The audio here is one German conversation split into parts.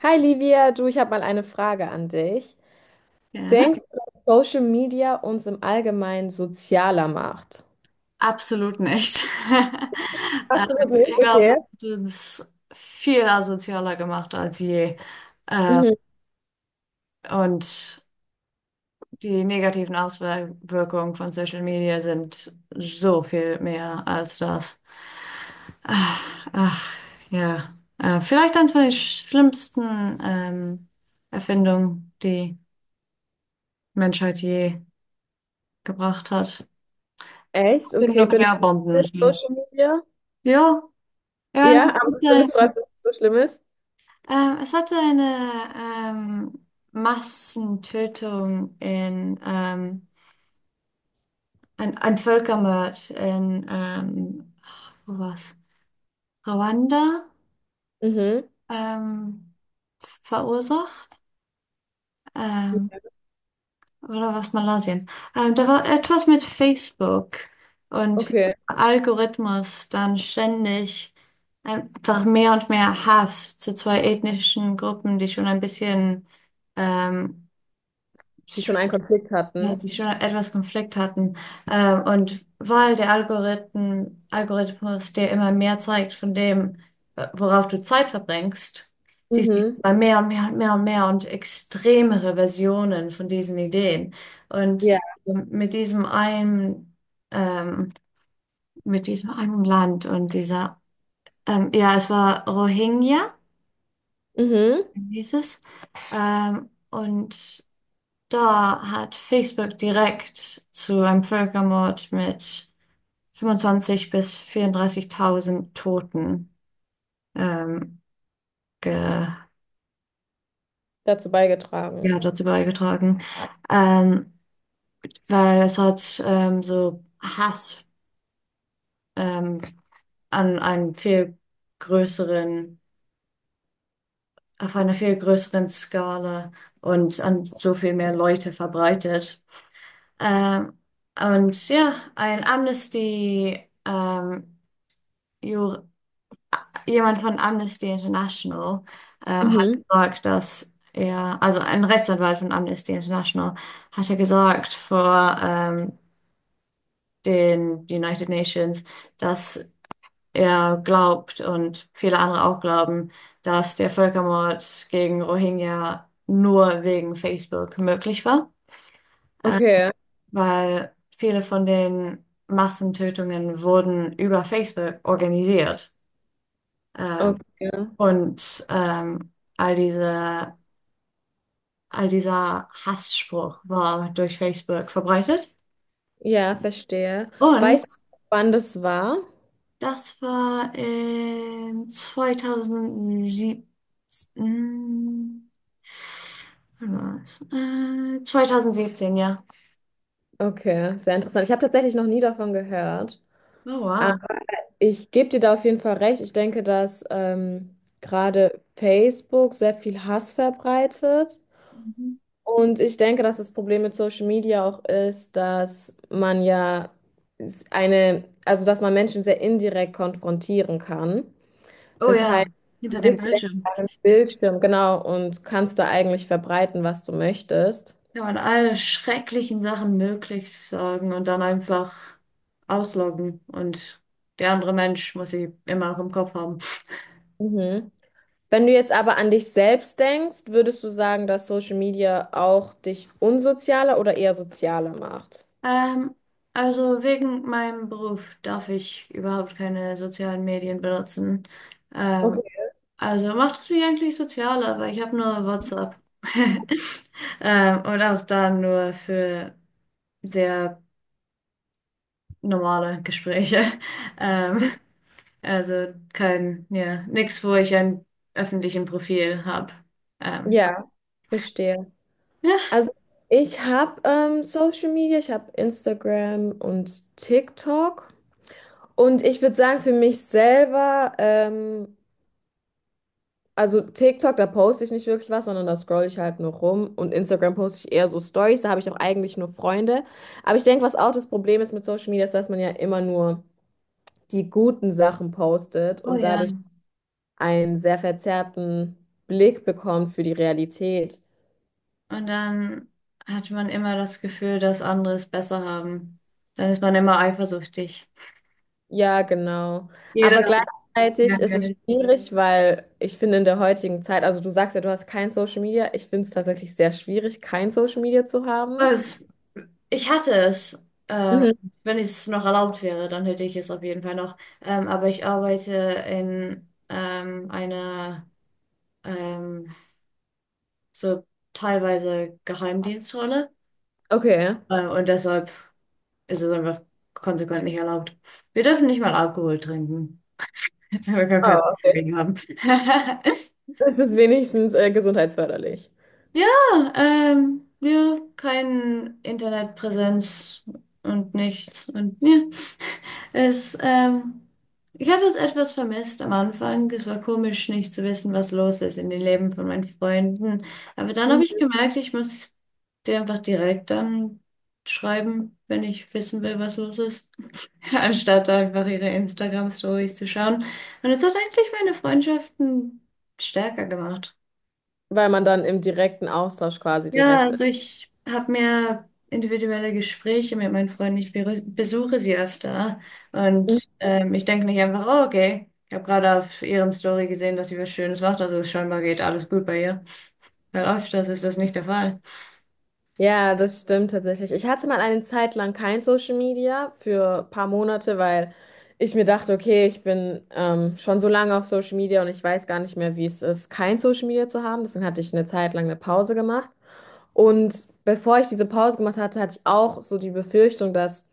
Hi Livia, du, ich habe mal eine Frage an dich. Gerne. Denkst du, dass Social Media uns im Allgemeinen sozialer macht? Absolut nicht. Ähm, Absolut Ich nicht, glaube, es okay. hat uns viel asozialer gemacht als je. Ähm, Mhm. Und die negativen Auswirkungen von Social Media sind so viel mehr als das. Ach, ach, ja. Vielleicht eines von den schlimmsten Erfindungen, die Menschheit je gebracht hat. Echt? Die Okay, benutzt Nuklearbomben du natürlich. Social Media? Ja, Ja, aber das ja, findest du, dass es so schlimm ist? Es hatte eine ähm, Massentötung in, ein Völkermord in, wo war's? Ruanda, Mhm. ähm, verursacht, ähm, oder was, Malaysia? Da war etwas mit Facebook und wie Okay, der Algorithmus dann ständig einfach mehr und mehr Hass zu zwei ethnischen Gruppen, die schon ein bisschen ähm, die schon einen Konflikt ja, hatten. die schon etwas Konflikt hatten. Und weil der Algorithmus dir immer mehr zeigt von dem, worauf du Zeit verbringst, siehst du Mhm. immer mehr und mehr und mehr und mehr und extremere Versionen von diesen Ideen. Und Ja. ähm, mit diesem einen, ähm, mit diesem einen Land und ja, es war Rohingya, Mhm. hieß es. Und da hat Facebook direkt zu einem Völkermord mit 25 bis 34.000 Toten ähm, ge Dazu ja, beigetragen. dazu beigetragen, ähm, weil es hat, so Hass, ähm, an einem viel größeren, auf einer viel größeren Skala und an so viel mehr Leute verbreitet. Ähm, und ja, ein Amnesty Jur jemand von Amnesty International Mhm. hat Mhm. gesagt, dass er, also ein Rechtsanwalt von Amnesty International, hat er gesagt vor den United Nations, dass er glaubt und viele andere auch glauben, dass der Völkermord gegen Rohingya nur wegen Facebook möglich war, äh, Okay, weil viele von den Massentötungen wurden über Facebook organisiert. Äh, okay. und all dieser Hassspruch war durch Facebook verbreitet. Ja, verstehe. Und Weißt du, wann das war? das war in 2007. mm, wann war das? 2017, ja. Okay, sehr interessant. Ich habe tatsächlich noch nie davon gehört. Oh, wow. Ich gebe dir da auf jeden Fall recht. Ich denke, dass gerade Facebook sehr viel Hass verbreitet. Mhm. Und ich denke, dass das Problem mit Social Media auch ist, dass man ja eine, also dass man Menschen sehr indirekt konfrontieren kann. Oh Das ja, heißt, du hinter dem sitzt ja Bildschirm vor einem Bildschirm, genau, und kannst da eigentlich verbreiten, was du möchtest. kann man alle schrecklichen Sachen möglich sagen und dann einfach ausloggen. Und der andere Mensch muss sie immer noch im Kopf haben. Mhm. Wenn du jetzt aber an dich selbst denkst, würdest du sagen, dass Social Media auch dich unsozialer oder eher sozialer macht? Ähm, also wegen meinem Beruf darf ich überhaupt keine sozialen Medien benutzen. Ähm, Okay. also macht es mich eigentlich sozialer, weil ich habe nur WhatsApp. Und auch da nur für sehr normale Gespräche. Ähm, also kein, ja, nichts, wo ich ein öffentlichen Profil habe. Ähm, Ja, verstehe. ja. Also ich habe Social Media, ich habe Instagram und TikTok. Und ich würde sagen, für mich selber, also TikTok, da poste ich nicht wirklich was, sondern da scroll ich halt nur rum. Und Instagram poste ich eher so Stories, da habe ich auch eigentlich nur Freunde. Aber ich denke, was auch das Problem ist mit Social Media, ist, dass man ja immer nur die guten Sachen postet Oh und dadurch ja. einen sehr verzerrten Blick bekommt für die Realität. Und dann hat man immer das Gefühl, dass andere es besser haben. Dann ist man immer eifersüchtig. Ja, genau. Aber Jeder hat mehr gleichzeitig ist es Geld. schwierig, weil ich finde in der heutigen Zeit, also du sagst ja, du hast kein Social Media. Ich finde es tatsächlich sehr schwierig, kein Social Media zu haben. Es- Ich hatte es. Ähm, Mhm. wenn es noch erlaubt wäre, dann hätte ich es auf jeden Fall noch. Aber ich arbeite in einer, ähm, so teilweise, Geheimdienstrolle. Okay. Und deshalb ist es einfach konsequent nicht erlaubt. Wir dürfen nicht mal Alkohol trinken. Wir können Oh, kein okay. Problem haben. Das ist wenigstens gesundheitsförderlich, Ja, ja, keine Internetpräsenz und nichts. Und ja, es, ähm, ich hatte es etwas vermisst am Anfang. Es war komisch, nicht zu wissen, was los ist in den Leben von meinen Freunden. Aber dann habe ich gemerkt, ich muss dir einfach direkt dann schreiben, wenn ich wissen will, was los ist, anstatt einfach ihre Instagram-Stories zu schauen. Und es hat eigentlich meine Freundschaften stärker gemacht. weil man dann im direkten Austausch quasi Ja, direkt ist. also ich habe mir individuelle Gespräche mit meinen Freunden. Ich besuche sie öfter Mhm. und ich denke nicht einfach, oh, okay, ich habe gerade auf ihrem Story gesehen, dass sie was Schönes macht, also scheinbar geht alles gut bei ihr. Weil öfters ist das nicht der Fall. Ja, das stimmt tatsächlich. Ich hatte mal eine Zeit lang kein Social Media für ein paar Monate, weil ich mir dachte, okay, ich bin schon so lange auf Social Media und ich weiß gar nicht mehr, wie es ist, kein Social Media zu haben. Deswegen hatte ich eine Zeit lang eine Pause gemacht. Und bevor ich diese Pause gemacht hatte, hatte ich auch so die Befürchtung, dass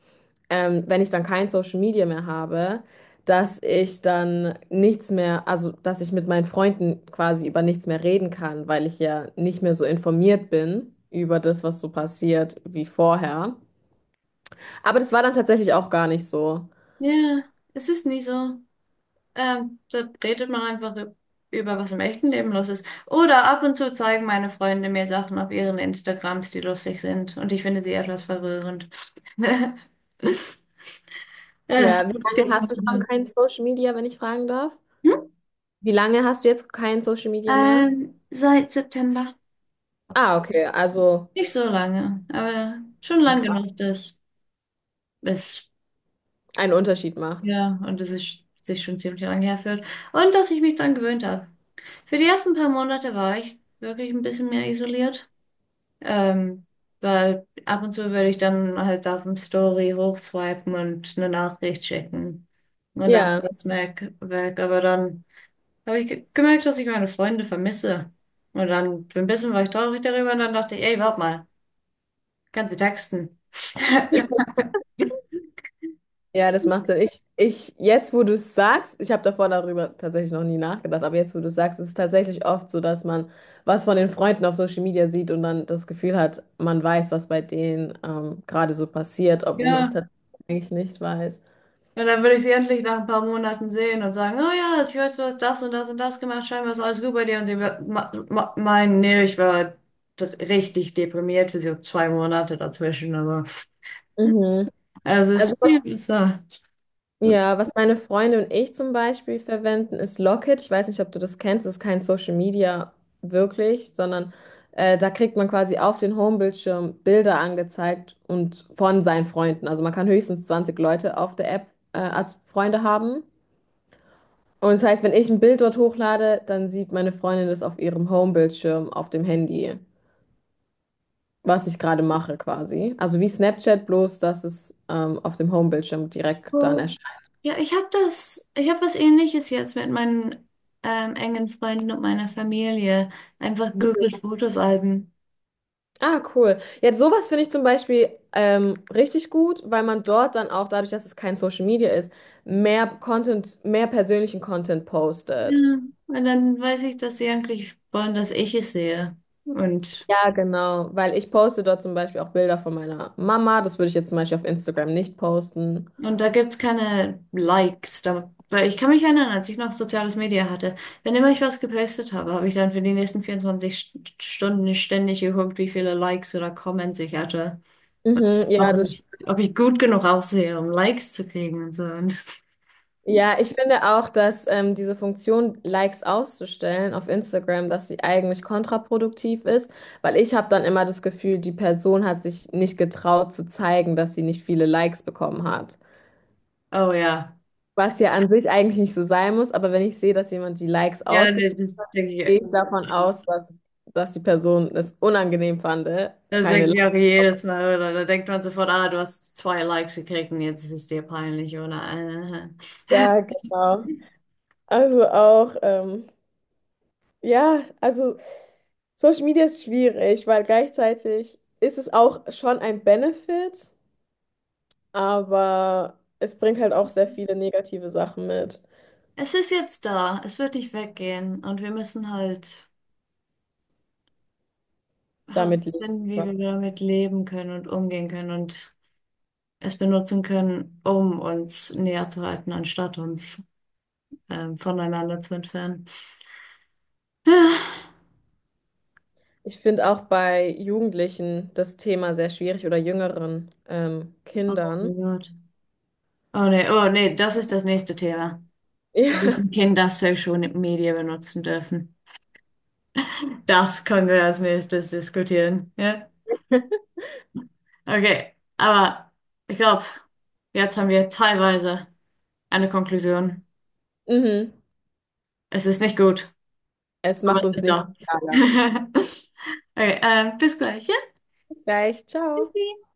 wenn ich dann kein Social Media mehr habe, dass ich dann nichts mehr, also dass ich mit meinen Freunden quasi über nichts mehr reden kann, weil ich ja nicht mehr so informiert bin über das, was so passiert wie vorher. Aber das war dann tatsächlich auch gar nicht so. Ja, es ist nie so. Da redet man einfach über, was im echten Leben los ist. Oder ab und zu zeigen meine Freunde mir Sachen auf ihren Instagrams, die lustig sind und ich finde sie etwas verwirrend. Ja, Ja, wie das lange gibt's mal hast du schon wieder. kein Social Media, wenn ich fragen darf? Wie lange hast du jetzt kein Social Media mehr? Seit September. Ah, okay, also Nicht so lange, aber schon lang genug, dass es, einen Unterschied macht. ja, und dass es sich schon ziemlich lange herfühlt. Und dass ich mich dran gewöhnt habe. Für die ersten paar Monate war ich wirklich ein bisschen mehr isoliert. Ähm, weil ab und zu würde ich dann halt auf dem Story hochswipen und eine Nachricht schicken. Und dann Ja. war es weg, weg. Aber dann habe ich gemerkt, dass ich meine Freunde vermisse. Und dann für ein bisschen war ich traurig darüber und dann dachte ich, ey, warte mal. Kannst du texten. Ja, das macht Sinn. Jetzt, wo du es sagst, ich habe davor darüber tatsächlich noch nie nachgedacht, aber jetzt, wo du es sagst, ist es tatsächlich oft so, dass man was von den Freunden auf Social Media sieht und dann das Gefühl hat, man weiß, was bei denen gerade so passiert, obwohl man es Ja. tatsächlich nicht weiß. Und dann würde ich sie endlich nach ein paar Monaten sehen und sagen, oh ja, ich weiß, du hast das und das und das gemacht, scheinbar ist alles gut bei dir. Und sie meinen, nee, ich war richtig deprimiert für so 2 Monate dazwischen, aber Mhm. also es Also ist viel besser. ja, was meine Freunde und ich zum Beispiel verwenden, ist Locket. Ich weiß nicht, ob du das kennst. Das ist kein Social Media wirklich, sondern da kriegt man quasi auf den Homebildschirm Bilder angezeigt und von seinen Freunden. Also man kann höchstens 20 Leute auf der App als Freunde haben. Und das heißt, wenn ich ein Bild dort hochlade, dann sieht meine Freundin das auf ihrem Homebildschirm auf dem Handy, was ich gerade mache quasi. Also wie Snapchat, bloß dass es auf dem Homebildschirm direkt dann Oh. Ja, ich habe was Ähnliches jetzt mit meinen engen Freunden und meiner Familie. Einfach Google Fotosalben. ah, cool. Jetzt sowas finde ich zum Beispiel richtig gut, weil man dort dann auch, dadurch, dass es kein Social Media ist, mehr Content, mehr persönlichen Content postet. Ja. Und dann weiß ich, dass sie eigentlich wollen, dass ich es sehe. Und, Ja, genau. Weil ich poste dort zum Beispiel auch Bilder von meiner Mama. Das würde ich jetzt zum Beispiel auf Instagram nicht posten. und da gibt's keine Likes. Da, weil ich kann mich erinnern, als ich noch soziales Media hatte, wenn immer ich was gepostet habe, habe ich dann für die nächsten 24 Stunden ständig geguckt, wie viele Likes oder Comments ich hatte. Mhm, ja, das Ob stimmt. ich gut genug aussehe, um Likes zu kriegen und so. Ja, ich finde auch, dass diese Funktion, Likes auszustellen auf Instagram, dass sie eigentlich kontraproduktiv ist, weil ich habe dann immer das Gefühl, die Person hat sich nicht getraut zu zeigen, dass sie nicht viele Likes bekommen hat. Oh ja. Was ja an sich eigentlich nicht so sein muss, aber wenn ich sehe, dass jemand die Likes Ja, nee, ausgestellt das hat, denke ich. gehe ich davon Ja. aus, dass, dass die Person es unangenehm fand, Das keine denke ich Likes. auch jedes Mal, oder? Da denkt man sofort, ah, du hast zwei Likes gekriegt und jetzt ist es dir peinlich, oder? Ja, Äh. genau. Also auch, ja, also. Social Media ist schwierig, weil gleichzeitig ist es auch schon ein Benefit, aber es bringt halt auch sehr viele negative Sachen mit. Es ist jetzt da. Es wird nicht weggehen. Und wir müssen halt Damit leben herausfinden, wie wir. wir damit leben können und umgehen können und es benutzen können, um uns näher zu halten, anstatt uns voneinander zu entfernen. Ich finde auch bei Jugendlichen das Thema sehr schwierig oder jüngeren Ah, oh Kindern. mein Gott. Oh nee, das ist das nächste Thema. Ja. Sollten Kinder Social Media benutzen dürfen? Das können wir als nächstes diskutieren. Ja? Okay, aber ich glaube, jetzt haben wir teilweise eine Konklusion. Mhm. Es ist nicht gut, Es aber macht es uns ist nicht da. sozialer. Okay, bis gleich. Ja, Bis gleich, ciao. bis